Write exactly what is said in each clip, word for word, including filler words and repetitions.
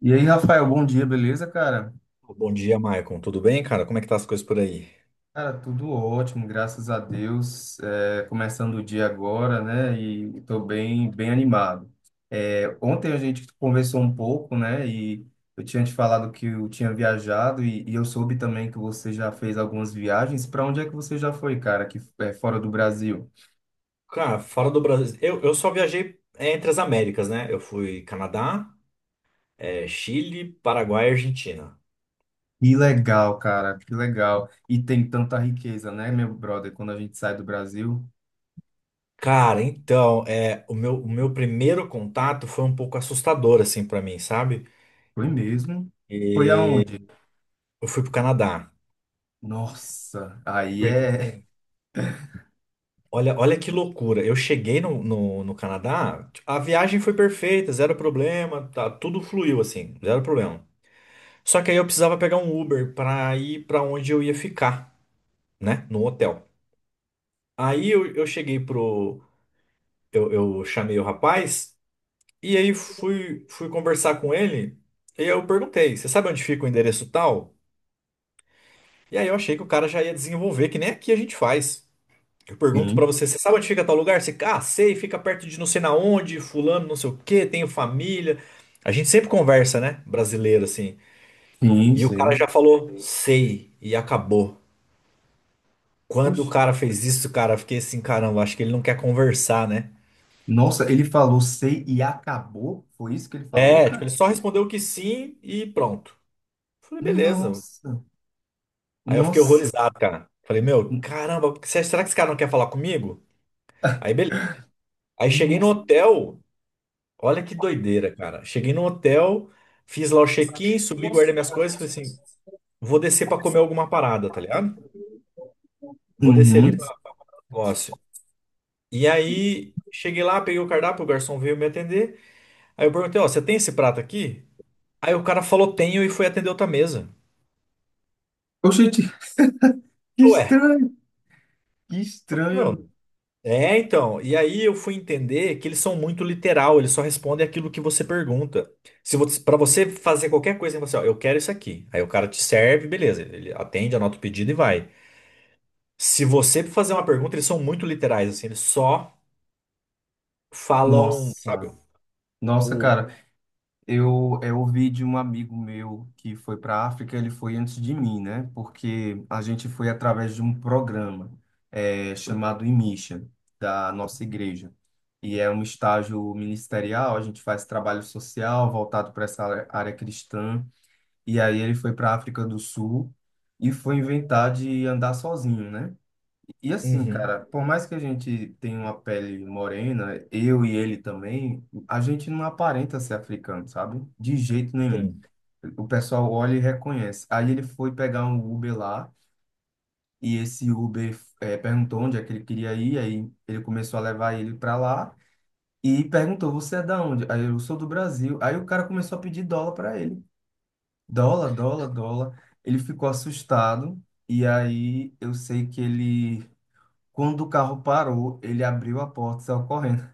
E aí, Rafael, bom dia, beleza, cara? Bom dia, Maicon. Tudo bem, cara? Como é que tá as coisas por aí? Cara, tudo ótimo, graças a Deus. É, começando o dia agora, né? E estou bem, bem animado. É, ontem a gente conversou um pouco, né? E eu tinha te falado que eu tinha viajado e, e eu soube também que você já fez algumas viagens. Para onde é que você já foi, cara? Que é fora do Brasil? Cara, fora do Brasil, eu, eu só viajei é, entre as Américas, né? Eu fui Canadá, é, Chile, Paraguai e Argentina. Que legal, cara, que legal. E tem tanta riqueza, né, meu brother? Quando a gente sai do Brasil, Cara, então, é, o meu, o meu primeiro contato foi um pouco assustador, assim, pra mim, sabe? foi mesmo. Foi E aonde? eu fui pro Canadá. Nossa, aí Porque, é. assim, olha, olha que loucura. Eu cheguei no, no, no Canadá, a viagem foi perfeita, zero problema, tá, tudo fluiu, assim, zero problema. Só que aí eu precisava pegar um Uber para ir para onde eu ia ficar, né? No hotel. Aí eu, eu cheguei pro. Eu, eu chamei o rapaz e aí fui, fui conversar com ele. E eu perguntei: Você sabe onde fica o endereço tal? E aí eu achei que o cara já ia desenvolver, que nem aqui a gente faz. Eu pergunto pra Sim, você: Você sabe onde fica tal lugar? Você, ah, sei, fica perto de não sei na onde, fulano, não sei o quê, tenho família. A gente sempre conversa, né? Brasileiro assim. sim, E o cara já sim. falou: Sei, e acabou. Quando o Oxe. cara fez isso, cara, eu fiquei assim, caramba, acho que ele não quer conversar, né? Nossa, ele falou sei e acabou? Foi isso que ele falou, É, tipo, cara? ele só respondeu que sim e pronto. Falei, beleza. Nossa, Aí eu fiquei nossa. horrorizado, cara. Falei, meu, caramba, se- será que esse cara não quer falar comigo? Aí, beleza. Aí cheguei no Nossa. hotel, olha que doideira, cara. Cheguei no hotel, fiz lá o check-in, subi, guardei minhas coisas, falei assim, vou descer pra comer alguma parada, tá ligado? Vou descer ali Uhum. pra negócio. E aí, cheguei lá, peguei o cardápio, o garçom veio me atender. Aí eu perguntei, ó, você tem esse prato aqui? Aí o cara falou tenho e foi atender outra mesa. Oxente, que Ué, estranho, que eu falei, estranho. meu. É, então. E aí eu fui entender que eles são muito literal, eles só respondem aquilo que você pergunta. Se você, para você fazer qualquer coisa, você, ó, eu quero isso aqui. Aí o cara te serve, beleza, ele atende, anota o pedido e vai. Se você fazer uma pergunta, eles são muito literais, assim, eles só falam, sabe, Nossa, nossa, o cara. Eu, é, eu ouvi de um amigo meu que foi para a África, ele foi antes de mim, né? Porque a gente foi através de um programa eh, chamado IMISSION, da nossa igreja. E é um estágio ministerial, a gente faz trabalho social voltado para essa área área cristã. E aí ele foi para a África do Sul e foi inventar de andar sozinho, né? E assim, uhum, cara, por mais que a gente tenha uma pele morena, eu e ele também, a gente não aparenta ser africano, sabe? De jeito nenhum. sim, O pessoal olha e reconhece. Aí ele foi pegar um Uber lá e esse Uber eh, perguntou onde é que ele queria ir, aí ele começou a levar ele para lá e perguntou: "Você é da onde?" Aí eu sou do Brasil. Aí o cara começou a pedir dólar para ele. Dólar, dólar, dólar. Ele ficou assustado. E aí eu sei que ele, quando o carro parou, ele abriu a porta, saiu correndo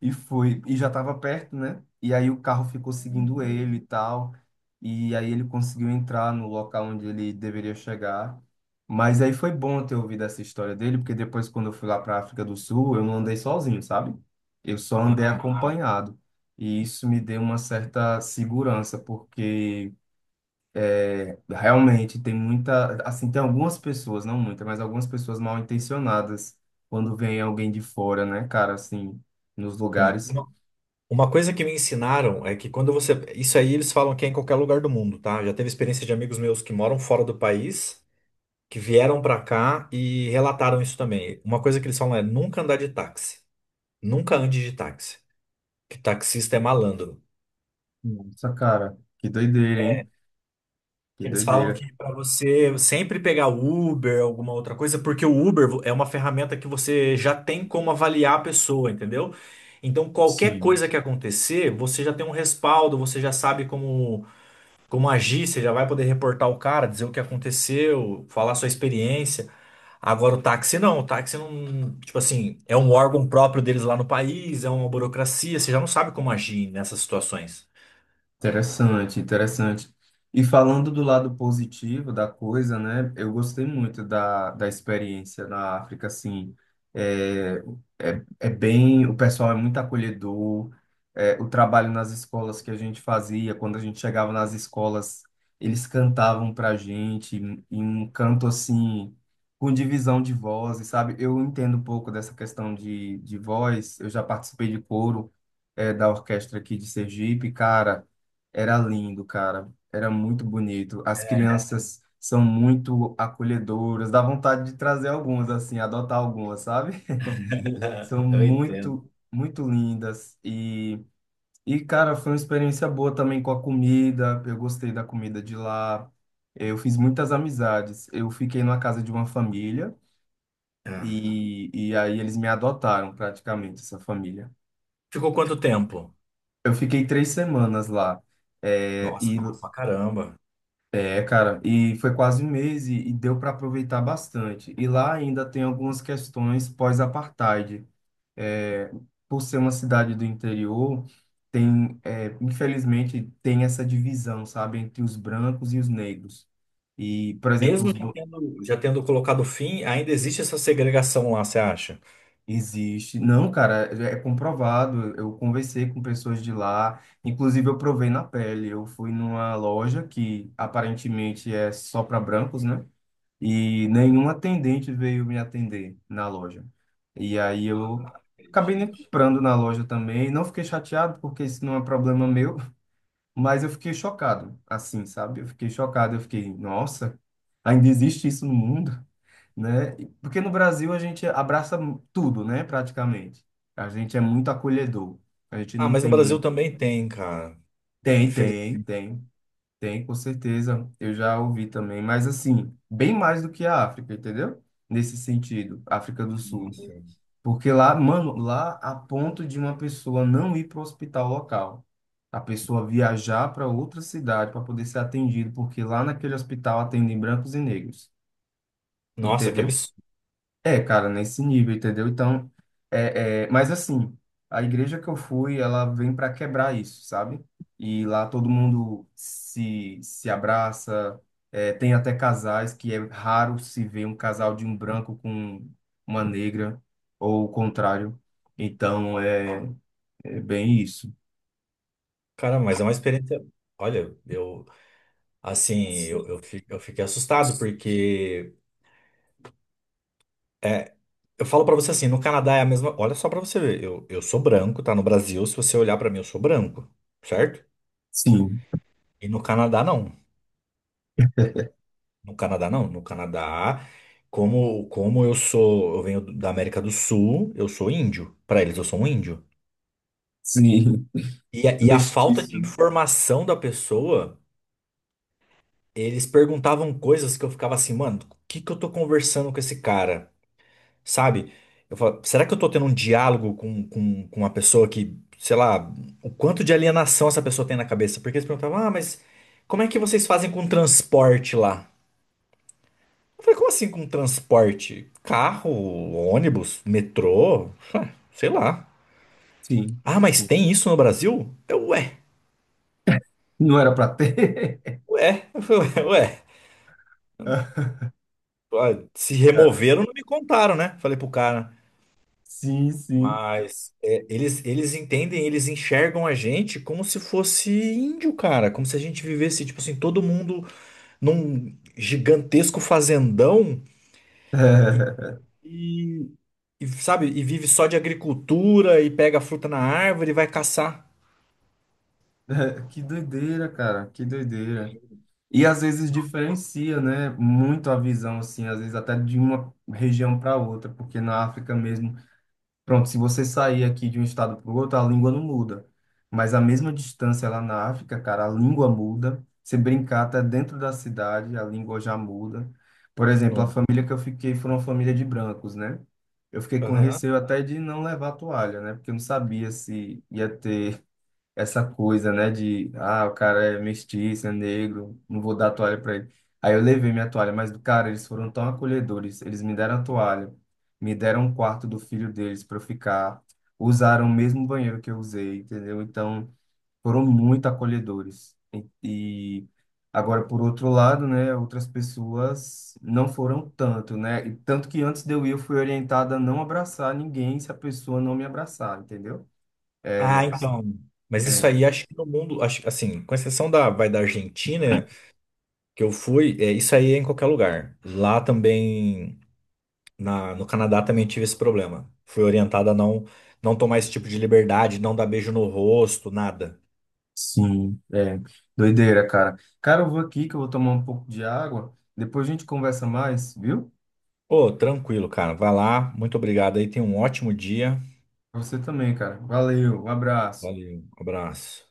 e foi. E já estava perto, né? E aí o carro ficou seguindo ele e tal. E aí ele conseguiu entrar no local onde ele deveria chegar. Mas aí foi bom ter ouvido essa história dele, porque depois, quando eu fui lá para a África do Sul, eu não andei sozinho, sabe? Eu só andei ah, acompanhado. E isso me deu uma certa segurança, porque. Realmente, tem muita, assim, tem algumas pessoas, não muita, mas algumas pessoas mal intencionadas quando vem alguém de fora, né, cara, assim, nos sim. lugares. Uma coisa que me ensinaram é que quando você. Isso aí eles falam que é em qualquer lugar do mundo, tá? Já teve experiência de amigos meus que moram fora do país, que vieram pra cá e relataram isso também. Uma coisa que eles falam é nunca andar de táxi. Nunca ande de táxi. Que taxista é malandro. Nossa, cara, que doideira, hein? Que Eles falam doideira. que pra você sempre pegar Uber, alguma outra coisa, porque o Uber é uma ferramenta que você já tem como avaliar a pessoa, entendeu? Então, qualquer Sim. coisa que acontecer, você já tem um respaldo, você já sabe como. Como agir, você já vai poder reportar o cara, dizer o que aconteceu, falar sua experiência. Agora o táxi não, o táxi não, tipo assim, é um órgão próprio deles lá no país, é uma burocracia, você já não sabe como agir nessas situações. Interessante, interessante. E falando do lado positivo da coisa, né? Eu gostei muito da, da experiência na África, assim. É, é, é bem, o pessoal é muito acolhedor. É, o trabalho nas escolas que a gente fazia, quando a gente chegava nas escolas, eles cantavam pra gente em em um canto assim, com divisão de vozes, sabe? Eu entendo um pouco dessa questão de, de voz. Eu já participei de coro, é, da orquestra aqui de Sergipe, cara. Era lindo, cara. Era muito bonito. As É, crianças são muito acolhedoras. Dá vontade de trazer algumas, assim, adotar algumas, sabe? São eu entendo. muito, muito lindas. E, e, cara, foi uma experiência boa também com a comida. Eu gostei da comida de lá. Eu fiz muitas amizades. Eu fiquei numa casa de uma família É. e, e aí eles me adotaram praticamente, essa família. Ficou quanto tempo? Eu fiquei três semanas lá. É, Nossa, e tempo pra caramba. É, cara, e foi quase um mês e, e deu para aproveitar bastante. E lá ainda tem algumas questões pós-apartheid. É, por ser uma cidade do interior, tem, é, infelizmente, tem essa divisão, sabe, entre os brancos e os negros. E, por exemplo, os Mesmo já br- tendo, já tendo colocado fim, ainda existe essa segregação lá, você acha? Existe. Não, cara, é é comprovado. Eu conversei com pessoas de lá, inclusive eu provei na pele. Eu fui numa loja que aparentemente é só para brancos, né? E nenhum atendente veio me atender na loja. E aí Ah, eu acabei nem acredito. comprando na loja também. Não fiquei chateado, porque isso não é problema meu, mas eu fiquei chocado, assim, sabe? Eu fiquei chocado, eu fiquei, nossa, ainda existe isso no mundo, né? E- Porque no Brasil a gente abraça tudo, né, praticamente. A gente é muito acolhedor. A gente Ah, não mas no tem. Brasil também tem, cara. Tem, tem, Infelizmente. tem. Tem, com certeza. Eu já ouvi também, mas assim, bem mais do que a África, entendeu? Nesse sentido, África do Sul. Porque lá, mano, lá a ponto de uma pessoa não ir para o hospital local. A pessoa viajar para outra cidade para poder ser atendido, porque lá naquele hospital atendem brancos e negros, Nossa, que entendeu? absurdo. É, cara, nesse nível, entendeu? Então, é, é, mas assim, a igreja que eu fui, ela vem para quebrar isso, sabe? E lá todo mundo se, se abraça, é, tem até casais que é raro se ver um casal de um branco com uma negra, ou o contrário. Então, é, é bem isso. Cara, mas é uma experiência. Olha, eu assim, eu, eu, fi- eu fiquei assustado porque é, eu falo pra você assim, no Canadá é a mesma. Olha só pra você ver, eu, eu sou branco, tá? No Brasil, se você olhar pra mim, eu sou branco, certo? Sim, E no Canadá não. No Canadá não. No Canadá, como como eu sou, eu venho da América do Sul, eu sou índio. Pra eles eu sou um índio. sim. E a, e a falta de Mestiço. informação da pessoa, eles perguntavam coisas que eu ficava assim, mano, o que que eu tô conversando com esse cara? Sabe? Eu falo, será que eu tô tendo um diálogo com, com, com uma pessoa que, sei lá, o quanto de alienação essa pessoa tem na cabeça? Porque eles perguntavam, ah, mas como é que vocês fazem com transporte lá? Eu falei, como assim com transporte? Carro, ônibus, metrô? Ah, sei lá. Sim, Ah, mas sim. tem isso no Brasil? Eu, ué, Não era para ter. ué, ué, ué. Ah, se removeram, não me contaram, né? Falei pro cara. Sim, sim. Mas é, eles, eles entendem, eles enxergam a gente como se fosse índio, cara. Como se a gente vivesse, tipo assim, todo mundo num gigantesco fazendão e, e, sabe, e vive só de agricultura e pega fruta na árvore e vai caçar. Que doideira, cara, que doideira. E às vezes diferencia, né, muito a visão, assim, às vezes até de uma região para outra, porque na África mesmo, pronto, se você sair aqui de um estado para o outro, a língua não muda. Mas a mesma distância lá na África, cara, a língua muda. Se brincar até dentro da cidade, a língua já muda. Por exemplo, a No. família que eu fiquei foi uma família de brancos, né? Eu fiquei com Aham. receio até de não levar toalha, né? Porque eu não sabia se ia ter essa coisa, né, de, ah, o cara é mestiço, é negro, não vou dar toalha para ele. Aí eu levei minha toalha, mas, cara, eles foram tão acolhedores, eles me deram a toalha, me deram um quarto do filho deles para eu ficar, usaram o mesmo banheiro que eu usei, entendeu? Então, foram muito acolhedores. E, e agora, por outro lado, né, outras pessoas não foram tanto, né? E tanto que antes de eu ir, eu fui orientada a não abraçar ninguém se a pessoa não me abraçar, entendeu? É. Ah, então. Mas isso aí, É. acho que no mundo, acho, assim, com exceção da, vai da Argentina, que eu fui, é, isso aí é em qualquer lugar. Lá também. Na, no Canadá também tive esse problema. Fui orientada a não, não tomar esse tipo de liberdade, não dar beijo no rosto, nada. Sim, é. Doideira, cara. Cara, eu vou aqui que eu vou tomar um pouco de água. Depois a gente conversa mais, viu? Ô, tranquilo, cara. Vai lá. Muito obrigado aí. Tenha um ótimo dia. Pra você também, cara. Valeu, um abraço. Valeu. Abraço.